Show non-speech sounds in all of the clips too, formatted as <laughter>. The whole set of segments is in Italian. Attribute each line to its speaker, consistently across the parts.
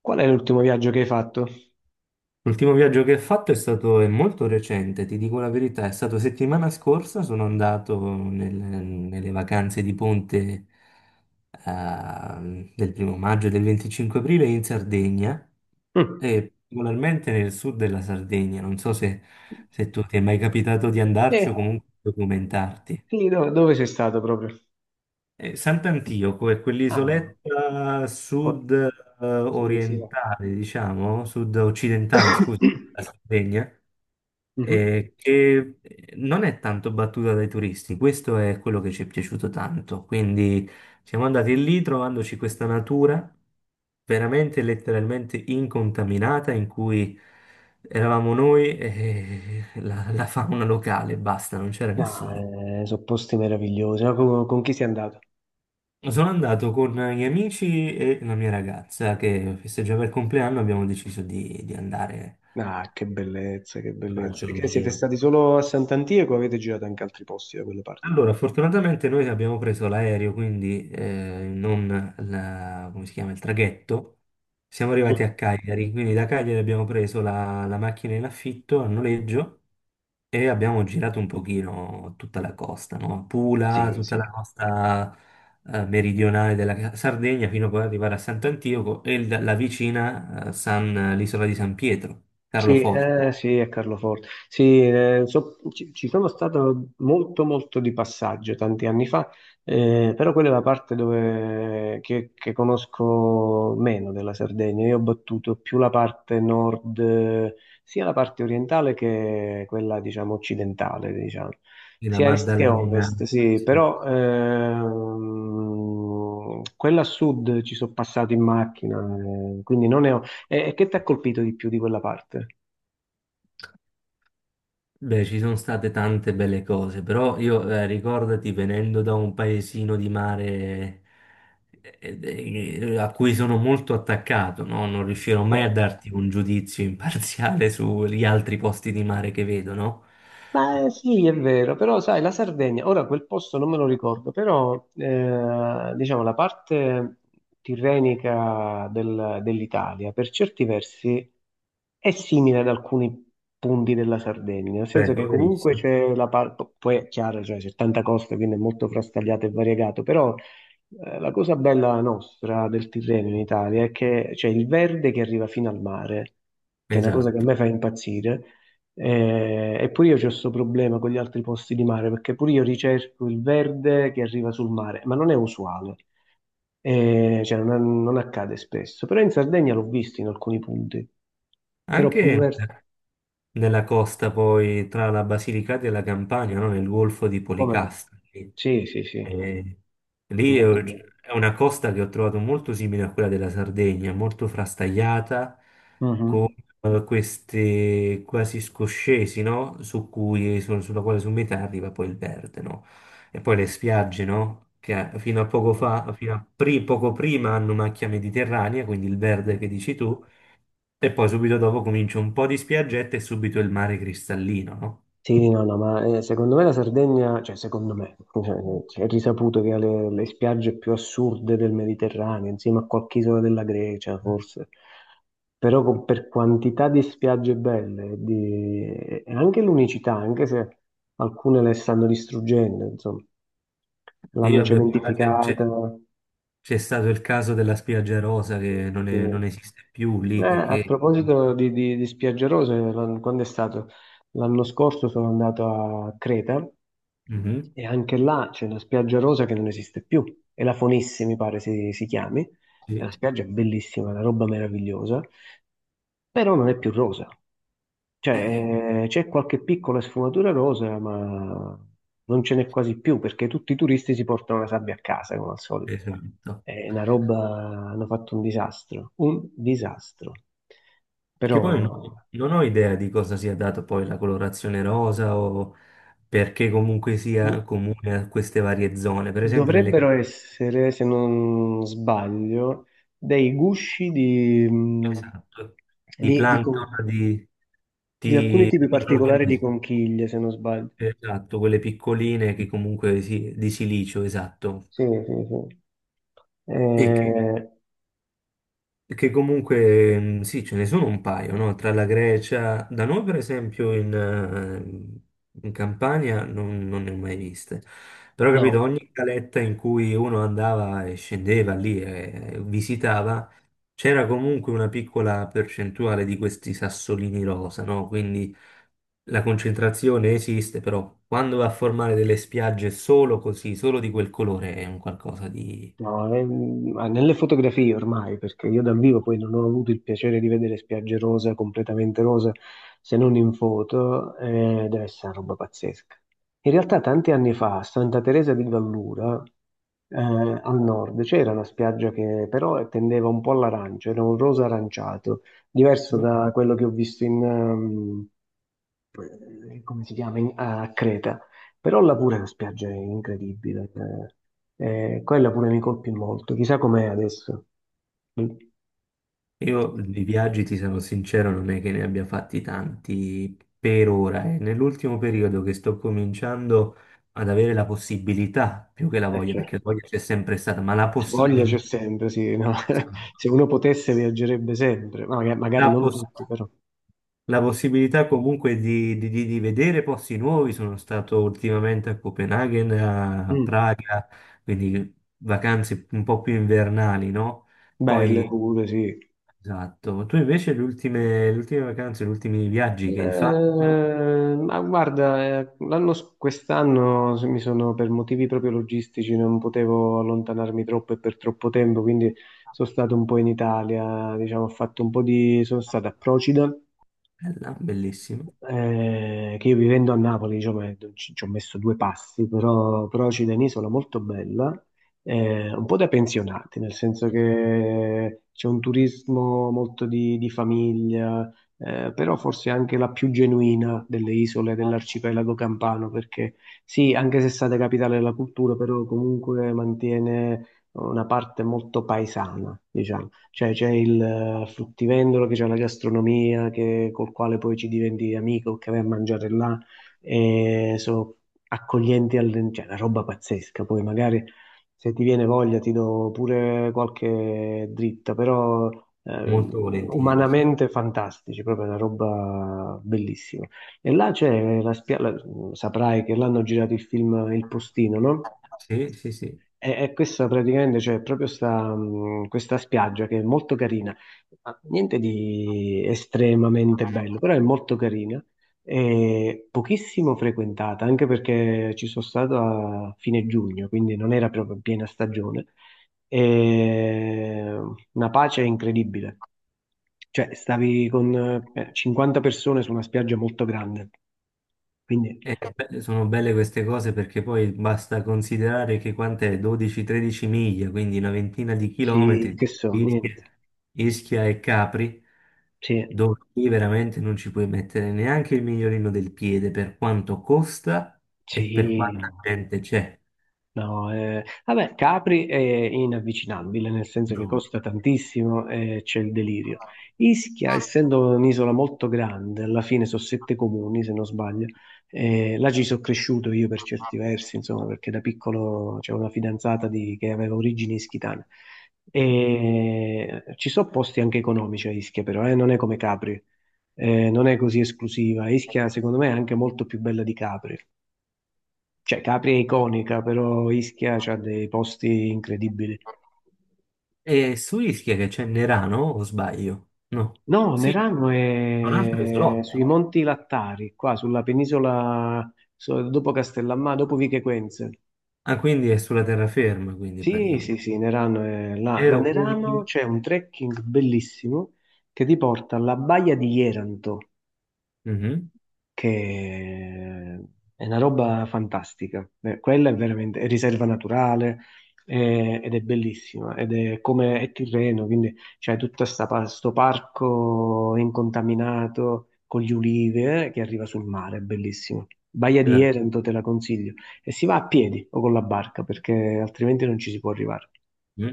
Speaker 1: Qual è l'ultimo viaggio che hai fatto?
Speaker 2: L'ultimo viaggio che ho fatto è molto recente, ti dico la verità, è stato settimana scorsa, sono andato nelle vacanze di ponte del primo maggio e del 25 aprile in Sardegna
Speaker 1: Mm.
Speaker 2: e particolarmente nel sud della Sardegna, non so se, se tu ti è mai capitato di andarci o
Speaker 1: Sì.
Speaker 2: comunque documentarti.
Speaker 1: Quindi dove sei stato proprio?
Speaker 2: Sant'Antioco è
Speaker 1: Ah,
Speaker 2: quell'isoletta
Speaker 1: co-
Speaker 2: sud
Speaker 1: sì, sì. Va.
Speaker 2: orientale, diciamo, sud occidentale, scusa,
Speaker 1: <coughs>
Speaker 2: della Sardegna
Speaker 1: Mhm.
Speaker 2: che non è tanto battuta dai turisti, questo è quello che ci è piaciuto tanto. Quindi siamo andati lì trovandoci questa natura veramente letteralmente incontaminata in cui eravamo noi e <laughs> la fauna locale, basta, non c'era
Speaker 1: No,
Speaker 2: nessuno.
Speaker 1: sono posti meravigliosi. Ma con chi sei andato?
Speaker 2: Sono andato con gli amici e la mia ragazza che festeggiava il compleanno, abbiamo deciso di andare
Speaker 1: Ah, che bellezza, che
Speaker 2: a
Speaker 1: bellezza.
Speaker 2: farci
Speaker 1: E
Speaker 2: un
Speaker 1: che siete
Speaker 2: giro.
Speaker 1: stati solo a Sant'Antico o avete girato anche altri posti da quelle parti?
Speaker 2: Allora, fortunatamente noi abbiamo preso l'aereo, quindi non la- come si chiama, il traghetto. Siamo arrivati
Speaker 1: Mm.
Speaker 2: a Cagliari, quindi da Cagliari abbiamo preso la macchina in affitto a noleggio e abbiamo girato un pochino tutta la costa, no? Pula,
Speaker 1: Sì,
Speaker 2: tutta la
Speaker 1: sì.
Speaker 2: costa meridionale della Sardegna, fino a poi arrivare a Sant'Antioco e la vicina l'isola di San Pietro,
Speaker 1: Sì,
Speaker 2: Carloforte,
Speaker 1: sì, è Carloforte. Sì, ci sono stato molto, molto di passaggio tanti anni fa, però quella è la parte dove, che conosco meno della Sardegna. Io ho battuto più la parte nord, sia la parte orientale che quella, diciamo, occidentale, diciamo,
Speaker 2: e la
Speaker 1: sia est che ovest,
Speaker 2: Maddalena.
Speaker 1: sì,
Speaker 2: Sì.
Speaker 1: però quella a sud ci sono passato in macchina, quindi non ne ho. E che ti ha colpito di più di quella parte?
Speaker 2: Beh, ci sono state tante belle cose, però io ricordati, venendo da un paesino di mare a cui sono molto attaccato, no? Non riuscirò
Speaker 1: Sì.
Speaker 2: mai a darti un giudizio imparziale <laughs> sugli altri posti di mare che vedo, no?
Speaker 1: Ma sì, è vero, però sai, la Sardegna, ora quel posto non me lo ricordo, però diciamo la parte tirrenica dell'Italia per certi versi è simile ad alcuni punti della Sardegna, nel senso
Speaker 2: Beh,
Speaker 1: che comunque
Speaker 2: verissimo.
Speaker 1: c'è la parte, poi è chiaro, cioè, c'è tanta costa, quindi è molto frastagliato e variegato, però la cosa bella nostra del Tirreno in Italia è che c'è il verde che arriva fino al mare, che è una cosa che a
Speaker 2: Esatto.
Speaker 1: me fa impazzire. E pure io ho questo problema con gli altri posti di mare, perché pure io ricerco il verde che arriva sul mare, ma non è usuale. Cioè non accade spesso. Però in Sardegna l'ho visto in alcuni punti. Però
Speaker 2: Anche
Speaker 1: pure...
Speaker 2: nella costa poi tra la Basilicata e la Campania, no? Nel golfo di
Speaker 1: Come no?
Speaker 2: Policastro.
Speaker 1: Sì, sì, sì,
Speaker 2: E
Speaker 1: è
Speaker 2: lì ho-
Speaker 1: molto bello.
Speaker 2: è una costa che ho trovato molto simile a quella della Sardegna, molto frastagliata,
Speaker 1: Mhm.
Speaker 2: queste quasi scoscesi, no? Sulla quale su metà arriva poi il verde, no? E poi le spiagge, no? Che fino a poco fa, poco prima hanno macchia mediterranea, quindi il verde che dici tu, e poi subito dopo comincia un po' di spiaggette e subito il mare cristallino, no?
Speaker 1: Sì, no, no, ma secondo me la Sardegna, cioè secondo me, cioè, cioè, è risaputo che ha le spiagge più assurde del Mediterraneo, insieme a qualche isola della Grecia, forse. Però per quantità di spiagge belle e e anche l'unicità, anche se alcune le stanno distruggendo, insomma,
Speaker 2: E
Speaker 1: l'hanno
Speaker 2: io avevo, cioè,
Speaker 1: cementificata.
Speaker 2: C'è stato il caso della spiaggia rosa che non
Speaker 1: Sì.
Speaker 2: esiste più lì
Speaker 1: A
Speaker 2: perché...
Speaker 1: proposito di spiagge rose, quando è stato? L'anno scorso sono andato a Creta
Speaker 2: Mhm,
Speaker 1: e anche là c'è una spiaggia rosa che non esiste più, è la Fonissi mi pare si chiami, è
Speaker 2: sì.
Speaker 1: una spiaggia bellissima, una roba meravigliosa, però non è più rosa,
Speaker 2: Eh, eh,
Speaker 1: cioè c'è qualche piccola sfumatura rosa ma non ce n'è quasi più perché tutti i turisti si portano la sabbia a casa come al solito.
Speaker 2: esatto.
Speaker 1: È una roba, hanno fatto un disastro, un disastro. Però
Speaker 2: Che poi non ho idea di cosa sia dato poi la colorazione rosa, o perché comunque
Speaker 1: do-
Speaker 2: sia comune a queste varie zone. Per esempio nelle
Speaker 1: dovrebbero
Speaker 2: case
Speaker 1: essere, se non sbaglio, dei gusci
Speaker 2: esatto, di
Speaker 1: di, di con-
Speaker 2: plancton,
Speaker 1: di alcuni
Speaker 2: di
Speaker 1: tipi particolari di
Speaker 2: microrganismi,
Speaker 1: conchiglie, se non sbaglio.
Speaker 2: esatto, quelle piccoline che comunque si, di silicio, esatto.
Speaker 1: Sì, sì, sì.
Speaker 2: E che
Speaker 1: Eh,
Speaker 2: Che comunque, sì, ce ne sono un paio, no? Tra la Grecia, da noi per esempio in Campania non ne ho mai viste, però capito,
Speaker 1: no.
Speaker 2: ogni caletta in cui uno andava e scendeva lì e visitava, c'era comunque una piccola percentuale di questi sassolini rosa, no? Quindi la concentrazione esiste, però quando va a formare delle spiagge solo così, solo di quel colore, è un qualcosa di...
Speaker 1: No, ma nelle fotografie ormai, perché io dal vivo poi non ho avuto il piacere di vedere spiagge rosa, completamente rosa, se non in foto, deve essere una roba pazzesca. In realtà tanti anni fa a Santa Teresa di Gallura, al nord, c'era una spiaggia che però tendeva un po' all'arancio, era un rosa aranciato, diverso da quello che ho visto in, come si chiama, a Creta. Però là pure la spiaggia è incredibile. Quella pure mi colpì molto. Chissà com'è adesso. Mm.
Speaker 2: Io di viaggi, ti sono sincero, non è che ne abbia fatti tanti per ora. È nell'ultimo periodo che sto cominciando ad avere la possibilità, più che la voglia,
Speaker 1: Cioè,
Speaker 2: perché la voglia c'è sempre stata, ma la
Speaker 1: voglia c'è
Speaker 2: possibilità,
Speaker 1: sempre, sì, no? <laughs>
Speaker 2: esatto.
Speaker 1: Se uno potesse viaggerebbe sempre, magari
Speaker 2: la,
Speaker 1: non
Speaker 2: poss-
Speaker 1: tutti, però.
Speaker 2: la possibilità comunque di vedere posti nuovi. Sono stato ultimamente a Copenaghen, a
Speaker 1: Mm.
Speaker 2: Praga, quindi vacanze un po' più invernali, no?
Speaker 1: Belle
Speaker 2: Poi
Speaker 1: pure, sì.
Speaker 2: esatto, ma tu invece le ultime vacanze, gli ultimi viaggi che hai fatto,
Speaker 1: Ma guarda, quest'anno se mi sono per motivi proprio logistici, non potevo allontanarmi troppo e per troppo tempo, quindi sono stato un po' in Italia, diciamo, ho fatto un po' di, sono stato a Procida,
Speaker 2: bella, bellissima,
Speaker 1: che io vivendo a Napoli, diciamo, ci ho messo due passi, però c'è un'isola molto bella, un po' da pensionati, nel senso che c'è un turismo molto di famiglia, però forse anche la più genuina delle isole dell'arcipelago campano, perché sì, anche se è stata capitale della cultura, però comunque mantiene una parte molto paesana, diciamo. Cioè c'è il fruttivendolo che c'è la gastronomia col quale poi ci diventi amico, che vai a mangiare là e sono accoglienti, cioè una roba pazzesca. Poi magari se ti viene voglia ti do pure qualche dritta, però eh,
Speaker 2: molto volentieri, sì.
Speaker 1: umanamente fantastici, proprio una roba bellissima. E là c'è la spiaggia, saprai che l'hanno girato il film Il Postino, no?
Speaker 2: Sì, sì, sì.
Speaker 1: E questa praticamente c'è proprio questa spiaggia che è molto carina, ma niente di estremamente bello, però è molto carina e pochissimo frequentata, anche perché ci sono stato a fine giugno, quindi non era proprio piena stagione. E una pace incredibile. Cioè, stavi con 50 persone su una spiaggia molto grande, quindi
Speaker 2: E sono belle queste cose perché poi basta considerare che quant'è 12-13 miglia, quindi una ventina di
Speaker 1: sì,
Speaker 2: chilometri,
Speaker 1: che so,
Speaker 2: Ischia,
Speaker 1: niente.
Speaker 2: E Capri,
Speaker 1: Sì,
Speaker 2: dove lì veramente non ci puoi mettere neanche il migliorino del piede per quanto costa e per
Speaker 1: sì.
Speaker 2: quanta
Speaker 1: No.
Speaker 2: gente c'è.
Speaker 1: No, vabbè, Capri è inavvicinabile, nel senso che
Speaker 2: No,
Speaker 1: costa tantissimo e c'è il delirio. Ischia, essendo un'isola molto grande, alla fine sono sette comuni, se non sbaglio, là ci sono cresciuto io per certi versi, insomma, perché da piccolo c'era una fidanzata che aveva origini ischitane. E ci sono posti anche economici a Ischia, però, non è come Capri, non è così esclusiva. Ischia, secondo me, è anche molto più bella di Capri. Cioè, Capri è iconica, però Ischia ha dei posti incredibili.
Speaker 2: e su Ischia che c'è Nerano, o sbaglio? No.
Speaker 1: No,
Speaker 2: Sì,
Speaker 1: Nerano
Speaker 2: tra l'altro è
Speaker 1: è sui
Speaker 2: isolotto.
Speaker 1: Monti Lattari, qua sulla penisola, dopo Castellammare, dopo Vichequenze.
Speaker 2: Ah, quindi è sulla terraferma, quindi
Speaker 1: Sì, sì,
Speaker 2: praticamente.
Speaker 1: sì, Nerano è là. Da
Speaker 2: Ero qui...
Speaker 1: Nerano c'è un trekking bellissimo che ti porta alla baia di Jeranto,
Speaker 2: Mhm.
Speaker 1: che è una roba fantastica. Quella è veramente, è riserva naturale, ed è bellissima ed è come è Tirreno, quindi c'è tutto questo parco incontaminato con gli ulivi, che arriva sul mare, è bellissimo. Baia
Speaker 2: E
Speaker 1: di
Speaker 2: vabbè.
Speaker 1: Erento te la consiglio e si va a piedi o con la barca perché altrimenti non ci si può arrivare.
Speaker 2: Mm.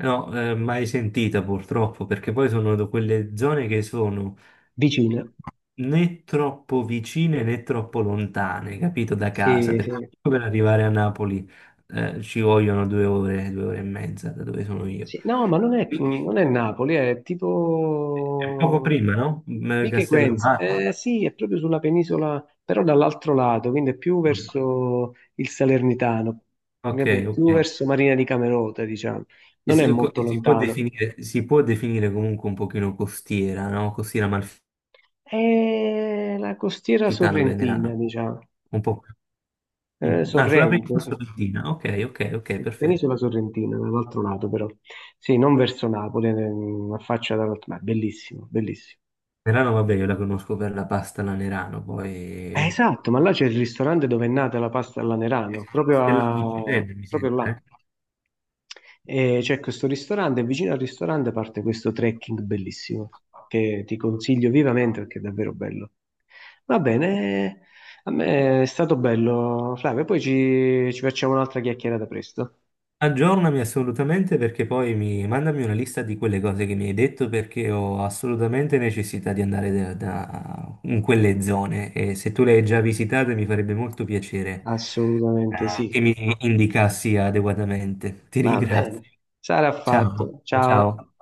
Speaker 2: No, mai sentita purtroppo, perché poi sono da quelle zone che sono
Speaker 1: Vicina.
Speaker 2: né troppo vicine né troppo lontane, capito, da casa,
Speaker 1: Sì,
Speaker 2: perché
Speaker 1: sì.
Speaker 2: per arrivare a Napoli ci vogliono due ore e mezza da dove sono io.
Speaker 1: Sì, no, ma non è,
Speaker 2: Quindi
Speaker 1: non è Napoli, è
Speaker 2: è poco
Speaker 1: tipo
Speaker 2: prima, no? Mm,
Speaker 1: Vico Equense.
Speaker 2: Castellammare.
Speaker 1: Sì, è proprio sulla penisola, però dall'altro lato, quindi è più verso il Salernitano,
Speaker 2: Ok,
Speaker 1: capi? È
Speaker 2: ok.
Speaker 1: più verso Marina di Camerota, diciamo.
Speaker 2: E
Speaker 1: Non è molto lontano.
Speaker 2: si può definire comunque un pochino costiera, no? Costiera malfitana,
Speaker 1: È la costiera sorrentina,
Speaker 2: venerana.
Speaker 1: diciamo.
Speaker 2: Un po'.
Speaker 1: Eh,
Speaker 2: Mm. Ah, sulla
Speaker 1: Sorrento,
Speaker 2: penisola stamattina. Ok, ok, ok, perfetto.
Speaker 1: penisola sorrentina, dall'altro lato però. Sì, non verso Napoli, affaccia dall'altro lato, ma è bellissimo, bellissimo.
Speaker 2: Nerano, vabbè, io la conosco per la pasta alla Nerano, poi... eh,
Speaker 1: Esatto, ma là c'è il ristorante dove è nata la pasta all'anerano, proprio,
Speaker 2: Stella Michelin, mi
Speaker 1: proprio
Speaker 2: sembra,
Speaker 1: là.
Speaker 2: eh?
Speaker 1: E c'è questo ristorante, e vicino al ristorante parte questo trekking bellissimo, che ti consiglio vivamente perché è davvero bello. Va bene, a me è stato bello, Flavio, poi ci facciamo un'altra chiacchierata presto.
Speaker 2: Aggiornami assolutamente perché poi mi mandami una lista di quelle cose che mi hai detto perché ho assolutamente necessità di andare in quelle zone, e se tu le hai già visitate mi farebbe molto piacere
Speaker 1: Assolutamente sì.
Speaker 2: che mi indicassi adeguatamente. Ti
Speaker 1: Va
Speaker 2: ringrazio.
Speaker 1: bene, sarà
Speaker 2: Ciao,
Speaker 1: fatto. Ciao.
Speaker 2: ciao.